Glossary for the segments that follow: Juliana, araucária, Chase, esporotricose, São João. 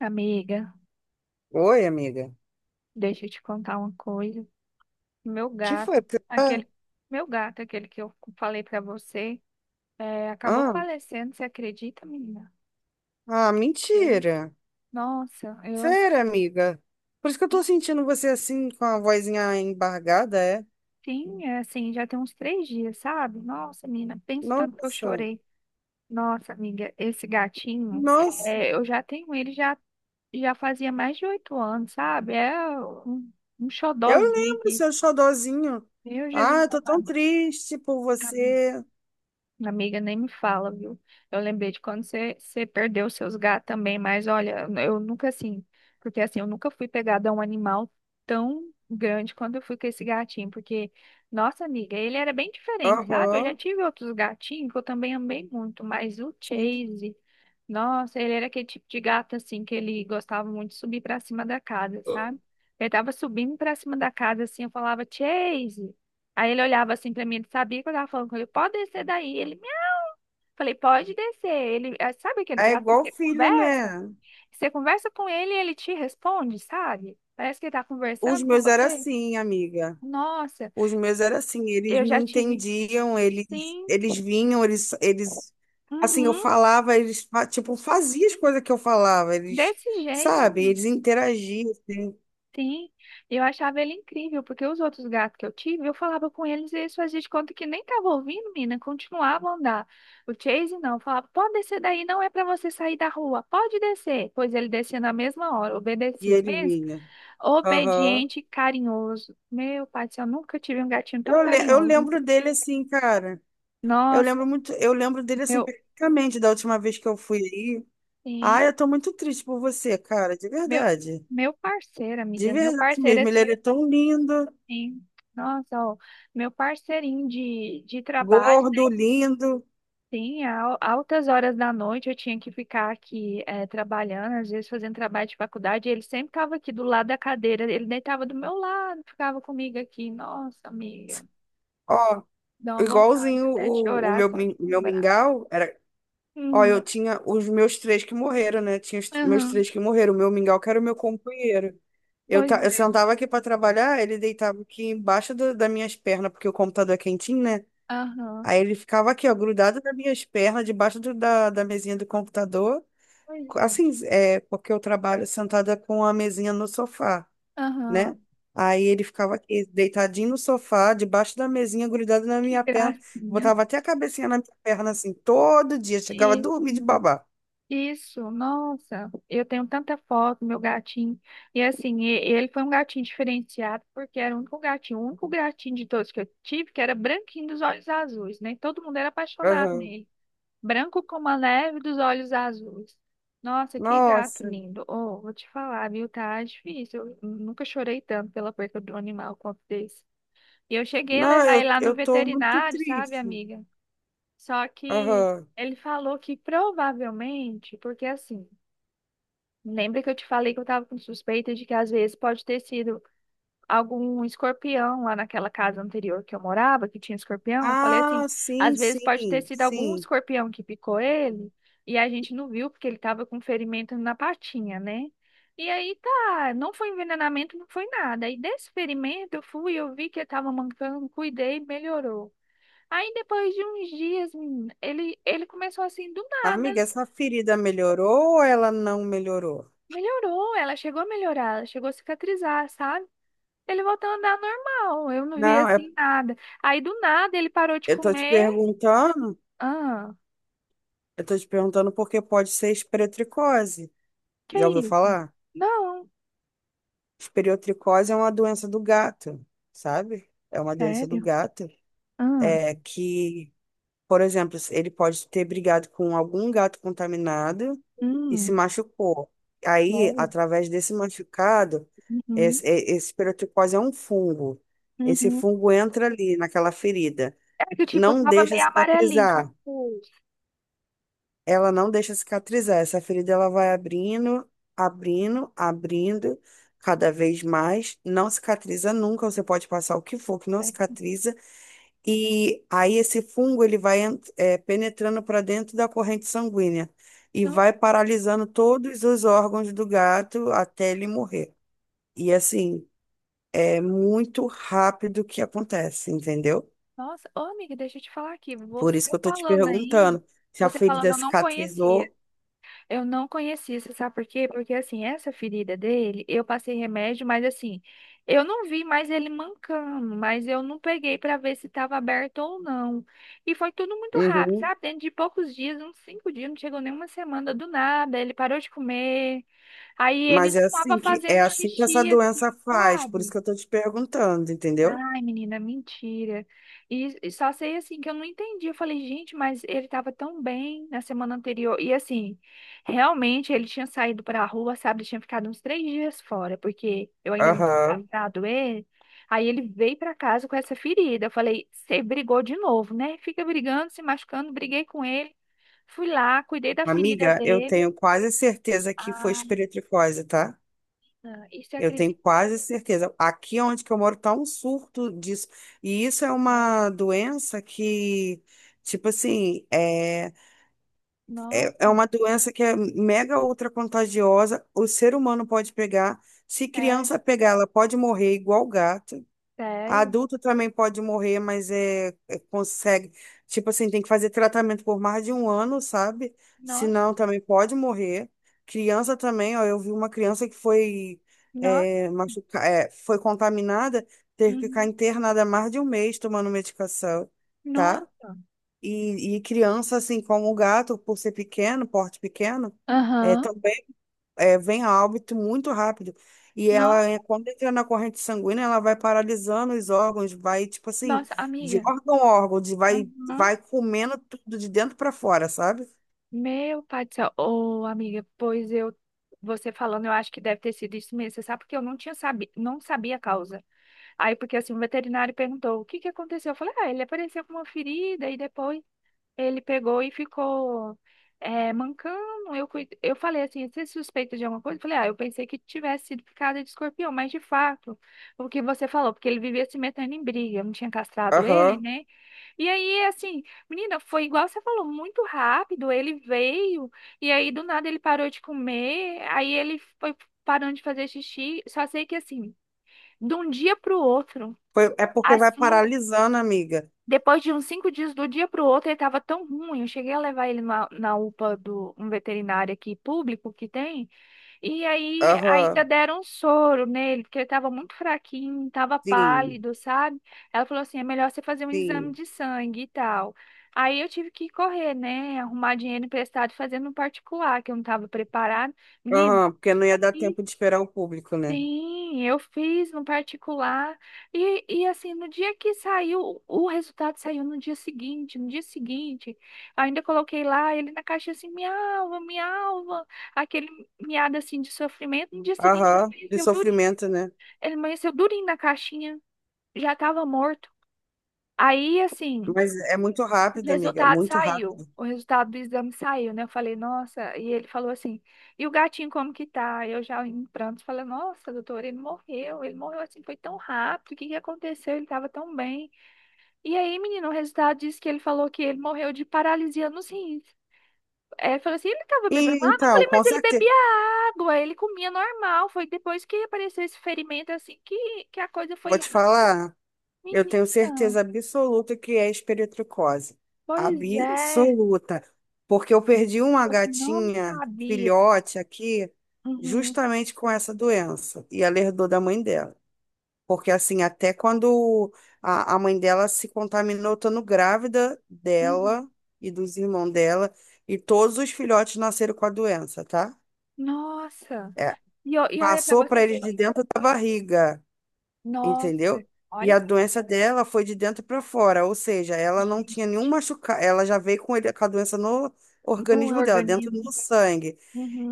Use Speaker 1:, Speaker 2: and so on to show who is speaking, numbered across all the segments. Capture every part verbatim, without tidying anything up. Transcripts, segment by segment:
Speaker 1: Amiga,
Speaker 2: Oi, amiga.
Speaker 1: deixa eu te contar uma coisa. Meu
Speaker 2: Que foi?
Speaker 1: gato,
Speaker 2: Você tá-
Speaker 1: aquele, meu gato, aquele que eu falei pra você, é, acabou
Speaker 2: Ah,
Speaker 1: falecendo, você acredita, menina?
Speaker 2: ah,
Speaker 1: Achei-
Speaker 2: mentira.
Speaker 1: Nossa, eu assim,
Speaker 2: Sério, amiga. Por isso que eu tô
Speaker 1: nem
Speaker 2: sentindo você assim, com a vozinha embargada, é?
Speaker 1: tinha, assim, já tem uns três dias, sabe? Nossa, menina, pensa o tanto que eu
Speaker 2: Nossa,
Speaker 1: chorei. Nossa, amiga, esse gatinho,
Speaker 2: nossa.
Speaker 1: é, eu já tenho ele já, já fazia mais de oito anos, sabe? É um, um
Speaker 2: Eu
Speaker 1: xodózinho
Speaker 2: lembro
Speaker 1: aqui.
Speaker 2: seu xodozinho.
Speaker 1: Meu
Speaker 2: Ah,
Speaker 1: Jesus
Speaker 2: eu tô tão
Speaker 1: amado.
Speaker 2: triste por você.
Speaker 1: Amiga, nem me fala, viu? Eu lembrei de quando você, você perdeu seus gatos também, mas olha, eu nunca assim, porque assim, eu nunca fui pegada a um animal tão grande quanto eu fui com esse gatinho, porque, nossa amiga, ele era bem diferente, sabe? Eu já
Speaker 2: Aham,
Speaker 1: tive outros gatinhos que eu também amei muito, mas o
Speaker 2: sim.
Speaker 1: Chase, nossa, ele era aquele tipo de gato assim, que ele gostava muito de subir pra cima da casa, sabe? Ele tava subindo pra cima da casa assim, eu falava, Chase. Aí ele olhava assim pra mim, ele sabia que eu tava falando com ele, pode descer daí. Ele Falei, pode descer. Ele, ah, sabe aquele
Speaker 2: É
Speaker 1: gato que
Speaker 2: igual
Speaker 1: você
Speaker 2: filho,
Speaker 1: conversa?
Speaker 2: né?
Speaker 1: Você conversa com ele e ele te responde, sabe? Parece que ele tá
Speaker 2: Os
Speaker 1: conversando com
Speaker 2: meus eram
Speaker 1: você.
Speaker 2: assim, amiga.
Speaker 1: Nossa,
Speaker 2: Os meus era assim, eles
Speaker 1: eu
Speaker 2: me
Speaker 1: já tive,
Speaker 2: entendiam, eles,
Speaker 1: sim,
Speaker 2: eles vinham, eles, eles, assim, eu
Speaker 1: uhum,
Speaker 2: falava, eles, fa- tipo, faziam as coisas que eu falava, eles,
Speaker 1: desse jeito,
Speaker 2: sabe,
Speaker 1: menina,
Speaker 2: eles interagiam, assim,
Speaker 1: sim. Eu achava ele incrível, porque os outros gatos que eu tive, eu falava com eles e eles faziam de conta que nem tava ouvindo, menina, continuavam a andar. O Chase não, falava, pode descer daí, não é pra você sair da rua, pode descer. Pois ele descia na mesma hora,
Speaker 2: e
Speaker 1: obedecia.
Speaker 2: ele
Speaker 1: Pensa.
Speaker 2: vinha. Aham.
Speaker 1: Obediente e carinhoso. Meu pai do céu, eu nunca tive um gatinho tão
Speaker 2: Eu, le- eu
Speaker 1: carinhoso.
Speaker 2: lembro dele assim, cara, eu
Speaker 1: Nossa,
Speaker 2: lembro muito, eu lembro dele assim,
Speaker 1: meu,
Speaker 2: perfeitamente, da última vez que eu fui aí. Ai,
Speaker 1: sim,
Speaker 2: eu tô muito triste por você, cara, de
Speaker 1: meu,
Speaker 2: verdade,
Speaker 1: meu parceiro,
Speaker 2: de
Speaker 1: amiga, meu
Speaker 2: verdade
Speaker 1: parceiro,
Speaker 2: mesmo, ele
Speaker 1: assim,
Speaker 2: era tão lindo,
Speaker 1: sim. Nossa, ó, meu parceirinho de, de trabalho,
Speaker 2: gordo,
Speaker 1: né?
Speaker 2: lindo,
Speaker 1: Sim, al- altas horas da noite eu tinha que ficar aqui eh, trabalhando, às vezes fazendo trabalho de faculdade. Ele sempre estava aqui do lado da cadeira, ele deitava do meu lado, ficava comigo aqui. Nossa, amiga,
Speaker 2: ó.
Speaker 1: dá uma vontade
Speaker 2: Igualzinho
Speaker 1: até de
Speaker 2: o, o
Speaker 1: chorar
Speaker 2: meu,
Speaker 1: só
Speaker 2: min-
Speaker 1: de
Speaker 2: meu
Speaker 1: lembrar.
Speaker 2: mingau era. Ó, eu
Speaker 1: Uhum.
Speaker 2: tinha os meus três que morreram, né? Tinha os meus
Speaker 1: Aham.
Speaker 2: três que morreram. O meu mingau que era o meu companheiro. Eu,
Speaker 1: Pois
Speaker 2: ta- eu
Speaker 1: é.
Speaker 2: sentava aqui para trabalhar, ele deitava aqui embaixo do- das minhas pernas, porque o computador é quentinho, né?
Speaker 1: Aham.
Speaker 2: Aí ele ficava aqui, ó, grudado nas minhas pernas, debaixo do- da, da mesinha do computador.
Speaker 1: Pois é.
Speaker 2: Assim, é, porque eu trabalho sentada com a mesinha no sofá, né?
Speaker 1: Aham.
Speaker 2: Aí ele ficava aqui, deitadinho no sofá, debaixo da mesinha, grudado na
Speaker 1: Que
Speaker 2: minha perna.
Speaker 1: gracinha.
Speaker 2: Botava até a cabecinha na minha perna, assim, todo dia. Chegava a
Speaker 1: Isso.
Speaker 2: dormir de babar.
Speaker 1: Isso. Nossa, eu tenho tanta foto, meu gatinho. E assim, e- ele foi um gatinho diferenciado, porque era o único gatinho, o único gatinho de todos que eu tive, que era branquinho dos olhos azuis, né? Todo mundo era apaixonado
Speaker 2: Aham.
Speaker 1: nele. Branco como a neve dos olhos azuis. Nossa, que gato
Speaker 2: Nossa.
Speaker 1: lindo. Oh, vou te falar, viu? Tá difícil. Eu nunca chorei tanto pela perda do animal quanto desse. E eu cheguei a
Speaker 2: Não,
Speaker 1: levar ele
Speaker 2: eu,
Speaker 1: lá no
Speaker 2: eu tô muito
Speaker 1: veterinário, sabe,
Speaker 2: triste.
Speaker 1: amiga? Só que
Speaker 2: Aham.
Speaker 1: ele falou que provavelmente, porque assim, lembra que eu te falei que eu tava com suspeita de que às vezes pode ter sido algum escorpião lá naquela casa anterior que eu morava, que tinha escorpião? Eu falei assim,
Speaker 2: Ah,
Speaker 1: às
Speaker 2: sim,
Speaker 1: vezes pode ter
Speaker 2: sim,
Speaker 1: sido algum
Speaker 2: sim.
Speaker 1: escorpião que picou ele e a gente não viu porque ele tava com ferimento na patinha, né? E aí tá, não foi envenenamento, não foi nada. E desse ferimento eu fui, eu vi que ele tava mancando, cuidei, melhorou. Aí depois de uns dias, menina, ele, ele começou assim do
Speaker 2: Amiga,
Speaker 1: nada.
Speaker 2: essa ferida melhorou ou ela não melhorou?
Speaker 1: Melhorou, ela chegou a melhorar, ela chegou a cicatrizar, sabe? Ele voltou a andar normal, eu não vi
Speaker 2: Não, é-
Speaker 1: assim nada. Aí do nada ele parou de
Speaker 2: eu tô te
Speaker 1: comer.
Speaker 2: perguntando,
Speaker 1: Ah,
Speaker 2: eu tô te perguntando porque pode ser esporotricose.
Speaker 1: que
Speaker 2: Já
Speaker 1: é
Speaker 2: ouviu
Speaker 1: isso?
Speaker 2: falar?
Speaker 1: Não,
Speaker 2: Esporotricose é uma doença do gato, sabe? É uma doença do
Speaker 1: sério?
Speaker 2: gato,
Speaker 1: Ah,
Speaker 2: é que, por exemplo, ele pode ter brigado com algum gato contaminado e se
Speaker 1: hum,
Speaker 2: machucou. Aí,
Speaker 1: sério?
Speaker 2: através desse machucado,
Speaker 1: Uhum,
Speaker 2: esse, esse esporotricose é um fungo. Esse
Speaker 1: uhum.
Speaker 2: fungo entra ali naquela ferida.
Speaker 1: É que tipo, eu
Speaker 2: Não
Speaker 1: tava
Speaker 2: deixa
Speaker 1: meio amarelinho com
Speaker 2: cicatrizar.
Speaker 1: pulso.
Speaker 2: Ela não deixa cicatrizar. Essa ferida ela vai abrindo, abrindo, abrindo cada vez mais. Não cicatriza nunca. Você pode passar o que for que não
Speaker 1: Né?
Speaker 2: cicatriza. E aí esse fungo ele vai en- eh, penetrando para dentro da corrente sanguínea e
Speaker 1: No-
Speaker 2: vai paralisando todos os órgãos do gato até ele morrer. E assim, é muito rápido que acontece, entendeu?
Speaker 1: Nossa, ô amiga, deixa eu te falar aqui,
Speaker 2: Por isso
Speaker 1: você
Speaker 2: que eu tô te
Speaker 1: falando aí,
Speaker 2: perguntando se a
Speaker 1: você falando
Speaker 2: ferida
Speaker 1: eu não conhecia.
Speaker 2: cicatrizou.
Speaker 1: Eu não conhecia, você sabe por quê? Porque assim, essa ferida dele, eu passei remédio, mas assim, eu não vi mais ele mancando, mas eu não peguei pra ver se tava aberto ou não. E foi tudo muito rápido,
Speaker 2: Uhum.
Speaker 1: sabe? Dentro de poucos dias, uns cinco dias, não chegou nem uma semana do nada, ele parou de comer, aí ele
Speaker 2: Mas
Speaker 1: não
Speaker 2: é
Speaker 1: tava
Speaker 2: assim que é
Speaker 1: fazendo
Speaker 2: assim que essa
Speaker 1: xixi, assim,
Speaker 2: doença faz, por isso
Speaker 1: sabe?
Speaker 2: que eu tô te perguntando, entendeu?
Speaker 1: Ai, menina, mentira. E, e só sei assim que eu não entendi. Eu falei, gente, mas ele tava tão bem na semana anterior. E assim, realmente ele tinha saído pra rua, sabe? Ele tinha ficado uns três dias fora, porque eu ainda não tinha
Speaker 2: Aham.
Speaker 1: tratado ele. Aí ele veio pra casa com essa ferida. Eu falei, você brigou de novo, né? Fica brigando, se machucando. Briguei com ele. Fui lá, cuidei da ferida
Speaker 2: Amiga, eu
Speaker 1: dele.
Speaker 2: tenho quase certeza que foi
Speaker 1: Ah,
Speaker 2: espiritricose, tá?
Speaker 1: e você
Speaker 2: Eu tenho
Speaker 1: acredita?
Speaker 2: quase certeza. Aqui onde que eu moro tá um surto disso. E isso é
Speaker 1: É.
Speaker 2: uma doença que, tipo assim, é, é, é
Speaker 1: Nossa,
Speaker 2: uma doença que é mega ultra contagiosa. O ser humano pode pegar. Se
Speaker 1: é
Speaker 2: criança pegar, ela pode morrer igual gato.
Speaker 1: sério?
Speaker 2: Adulto também pode morrer, mas é, é- consegue. Tipo assim, tem que fazer tratamento por mais de um ano, sabe? Senão
Speaker 1: Nossa,
Speaker 2: também pode morrer. Criança também, ó, eu vi uma criança que foi
Speaker 1: nossa.
Speaker 2: é, machuca, é, foi contaminada, teve que ficar
Speaker 1: Uhum.
Speaker 2: internada mais de um mês tomando medicação, tá?
Speaker 1: Nossa.
Speaker 2: E, e criança, assim como o gato, por ser pequeno, porte pequeno, é,
Speaker 1: Aham.
Speaker 2: também é, vem a óbito muito rápido. E ela,
Speaker 1: No-
Speaker 2: é, quando entra na corrente sanguínea, ela vai paralisando os órgãos, vai, tipo assim,
Speaker 1: Nossa,
Speaker 2: de
Speaker 1: amiga.
Speaker 2: órgão a órgão, de, vai,
Speaker 1: Uhum.
Speaker 2: vai comendo tudo de dentro para fora, sabe?
Speaker 1: Meu pai do céu. Ô, amiga, pois eu. Você falando, eu acho que deve ter sido isso mesmo. Você sabe porque eu não tinha sabi... não sabia a causa. Aí, porque assim, o veterinário perguntou o que que aconteceu. Eu falei, ah, ele apareceu com uma ferida e depois ele pegou e ficou é, mancando. Eu, cuid- eu falei assim, você é suspeita de alguma coisa? Eu falei, ah, eu pensei que tivesse sido picada de escorpião, mas de fato, o que você falou, porque ele vivia se metendo em briga, eu não tinha castrado ele,
Speaker 2: Aham.
Speaker 1: né? E aí, assim, menina, foi igual você falou, muito rápido. Ele veio, e aí do nada ele parou de comer, aí ele foi parando de fazer xixi. Só sei que, assim, de um dia pro outro,
Speaker 2: Foi, é porque vai
Speaker 1: assim,
Speaker 2: paralisando, amiga.
Speaker 1: depois de uns cinco dias, do dia pro outro, ele tava tão ruim. Eu cheguei a levar ele na, na UPA do um veterinário aqui público que tem. E aí ainda
Speaker 2: Aham.
Speaker 1: deram um soro nele, porque ele estava muito fraquinho, estava
Speaker 2: Sim,
Speaker 1: pálido, sabe? Ela falou assim, é melhor você fazer um exame
Speaker 2: sim.
Speaker 1: de sangue e tal. Aí eu tive que correr, né? Arrumar dinheiro emprestado, fazendo no particular, que eu não estava preparada. Menino,
Speaker 2: Aham, porque não ia dar tempo de esperar o público, né?
Speaker 1: sim, eu fiz no particular. E, e assim, no dia que saiu, o resultado saiu no dia seguinte. No dia seguinte, ainda coloquei lá ele na caixa assim, miava, miava, aquele miado assim de sofrimento. No dia seguinte, ele
Speaker 2: Aham, de
Speaker 1: amanheceu durinho.
Speaker 2: sofrimento, né?
Speaker 1: Ele amanheceu durinho na caixinha, já estava morto. Aí, assim.
Speaker 2: Mas é muito
Speaker 1: O
Speaker 2: rápido, amiga,
Speaker 1: resultado
Speaker 2: muito
Speaker 1: saiu.
Speaker 2: rápido.
Speaker 1: O resultado do exame saiu, né? Eu falei, nossa. E ele falou assim: e o gatinho como que tá? Eu já em prantos falei: nossa, doutor, ele morreu. Ele morreu assim, foi tão rápido. O que que aconteceu? Ele tava tão bem. E aí, menino, o resultado disse que ele falou que ele morreu de paralisia nos rins. É, ele falou assim: ele tava
Speaker 2: E
Speaker 1: bebendo água? Eu
Speaker 2: então,
Speaker 1: falei:
Speaker 2: com
Speaker 1: mas ele
Speaker 2: certeza,
Speaker 1: bebia água, ele comia normal. Foi depois que apareceu esse ferimento assim que, que a coisa
Speaker 2: vou
Speaker 1: foi
Speaker 2: te
Speaker 1: rápida.
Speaker 2: falar. Eu tenho
Speaker 1: Menina,
Speaker 2: certeza absoluta que é esperitricose.
Speaker 1: pois é,
Speaker 2: Absoluta. Porque eu perdi uma
Speaker 1: eu não
Speaker 2: gatinha,
Speaker 1: sabia.
Speaker 2: filhote aqui,
Speaker 1: Uhum.
Speaker 2: justamente com essa doença. E ela herdou da mãe dela. Porque, assim, até quando a, a mãe dela se contaminou, estando grávida
Speaker 1: Uhum.
Speaker 2: dela e dos irmãos dela, e todos os filhotes nasceram com a doença, tá?
Speaker 1: Nossa!
Speaker 2: É.
Speaker 1: E, o- e olha pra
Speaker 2: Passou
Speaker 1: você
Speaker 2: para eles
Speaker 1: ver.
Speaker 2: de dentro da barriga,
Speaker 1: Nossa!
Speaker 2: entendeu? E
Speaker 1: Olha
Speaker 2: a
Speaker 1: pra
Speaker 2: doença dela foi de dentro para fora, ou seja, ela não tinha nenhum machucado, ela já veio com ele, com a doença no
Speaker 1: no
Speaker 2: organismo dela, dentro
Speaker 1: organismo.
Speaker 2: do sangue.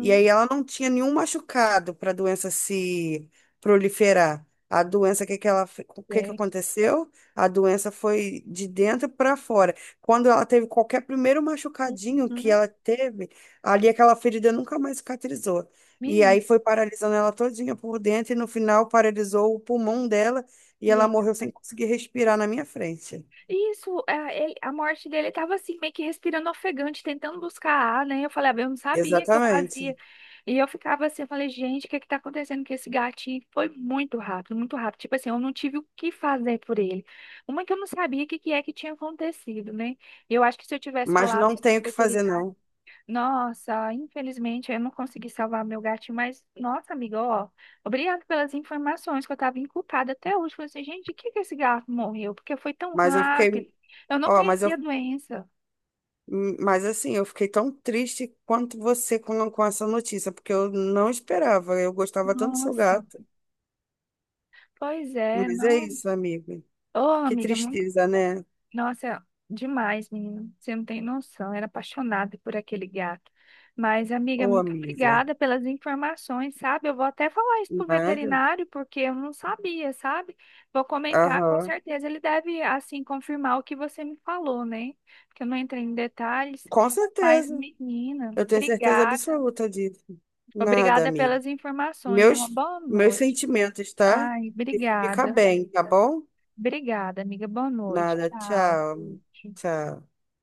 Speaker 2: E aí ela não tinha nenhum machucado para a doença se proliferar. A doença, que que ela, fe- o que que
Speaker 1: É.
Speaker 2: aconteceu? A doença foi de dentro para fora. Quando ela teve qualquer primeiro machucadinho que
Speaker 1: Uhum.
Speaker 2: ela teve, ali aquela ferida nunca mais cicatrizou. E aí
Speaker 1: Menino.
Speaker 2: foi paralisando ela todinha por dentro e no final paralisou o pulmão dela e
Speaker 1: E
Speaker 2: ela
Speaker 1: aí?
Speaker 2: morreu sem conseguir respirar na minha frente.
Speaker 1: Isso, é, ele- a morte dele tava assim, meio que respirando ofegante, tentando buscar ar, né? Eu falei, ah, eu não sabia que eu fazia.
Speaker 2: Exatamente.
Speaker 1: E eu ficava assim, eu falei, gente, o que que tá acontecendo com esse gatinho? Foi muito rápido, muito rápido. Tipo assim, eu não tive o que fazer por ele. Uma que eu não sabia o que que é que tinha acontecido, né? Eu acho que se eu tivesse
Speaker 2: Mas
Speaker 1: falado
Speaker 2: não
Speaker 1: isso
Speaker 2: tenho o
Speaker 1: pro
Speaker 2: que fazer, não.
Speaker 1: Nossa, infelizmente eu não consegui salvar meu gatinho, mas nossa, amiga, ó, obrigado pelas informações que eu tava inculpada até hoje. Falei assim, gente, de que que esse gato morreu? Porque foi tão
Speaker 2: Mas eu
Speaker 1: rápido.
Speaker 2: fiquei,
Speaker 1: Eu não
Speaker 2: ó, mas eu,
Speaker 1: conhecia a doença.
Speaker 2: hum, mas assim, eu fiquei tão triste quanto você com, com essa notícia, porque eu não esperava. Eu gostava tanto do seu
Speaker 1: Nossa,
Speaker 2: gato.
Speaker 1: pois é,
Speaker 2: Mas é
Speaker 1: não.
Speaker 2: isso, amiga.
Speaker 1: Ô,
Speaker 2: Que
Speaker 1: amiga,
Speaker 2: tristeza, né?
Speaker 1: nossa, demais, menina. Você não tem noção. Era apaixonada por aquele gato. Mas, amiga,
Speaker 2: Ô,
Speaker 1: muito
Speaker 2: amiga.
Speaker 1: obrigada pelas informações, sabe? Eu vou até falar isso pro
Speaker 2: Nada.
Speaker 1: veterinário, porque eu não sabia, sabe? Vou comentar, com
Speaker 2: Aham.
Speaker 1: certeza ele deve, assim, confirmar o que você me falou, né? Porque eu não entrei em detalhes.
Speaker 2: Com
Speaker 1: Mas,
Speaker 2: certeza.
Speaker 1: menina,
Speaker 2: Eu tenho certeza
Speaker 1: obrigada.
Speaker 2: absoluta disso. Nada,
Speaker 1: Obrigada
Speaker 2: amiga.
Speaker 1: pelas informações. Uma
Speaker 2: Meus,
Speaker 1: boa
Speaker 2: meus
Speaker 1: noite.
Speaker 2: sentimentos, tá?
Speaker 1: Ai,
Speaker 2: E fica
Speaker 1: obrigada.
Speaker 2: bem, tá bom?
Speaker 1: Obrigada, amiga. Boa noite.
Speaker 2: Nada.
Speaker 1: Tchau.
Speaker 2: Tchau. Tchau.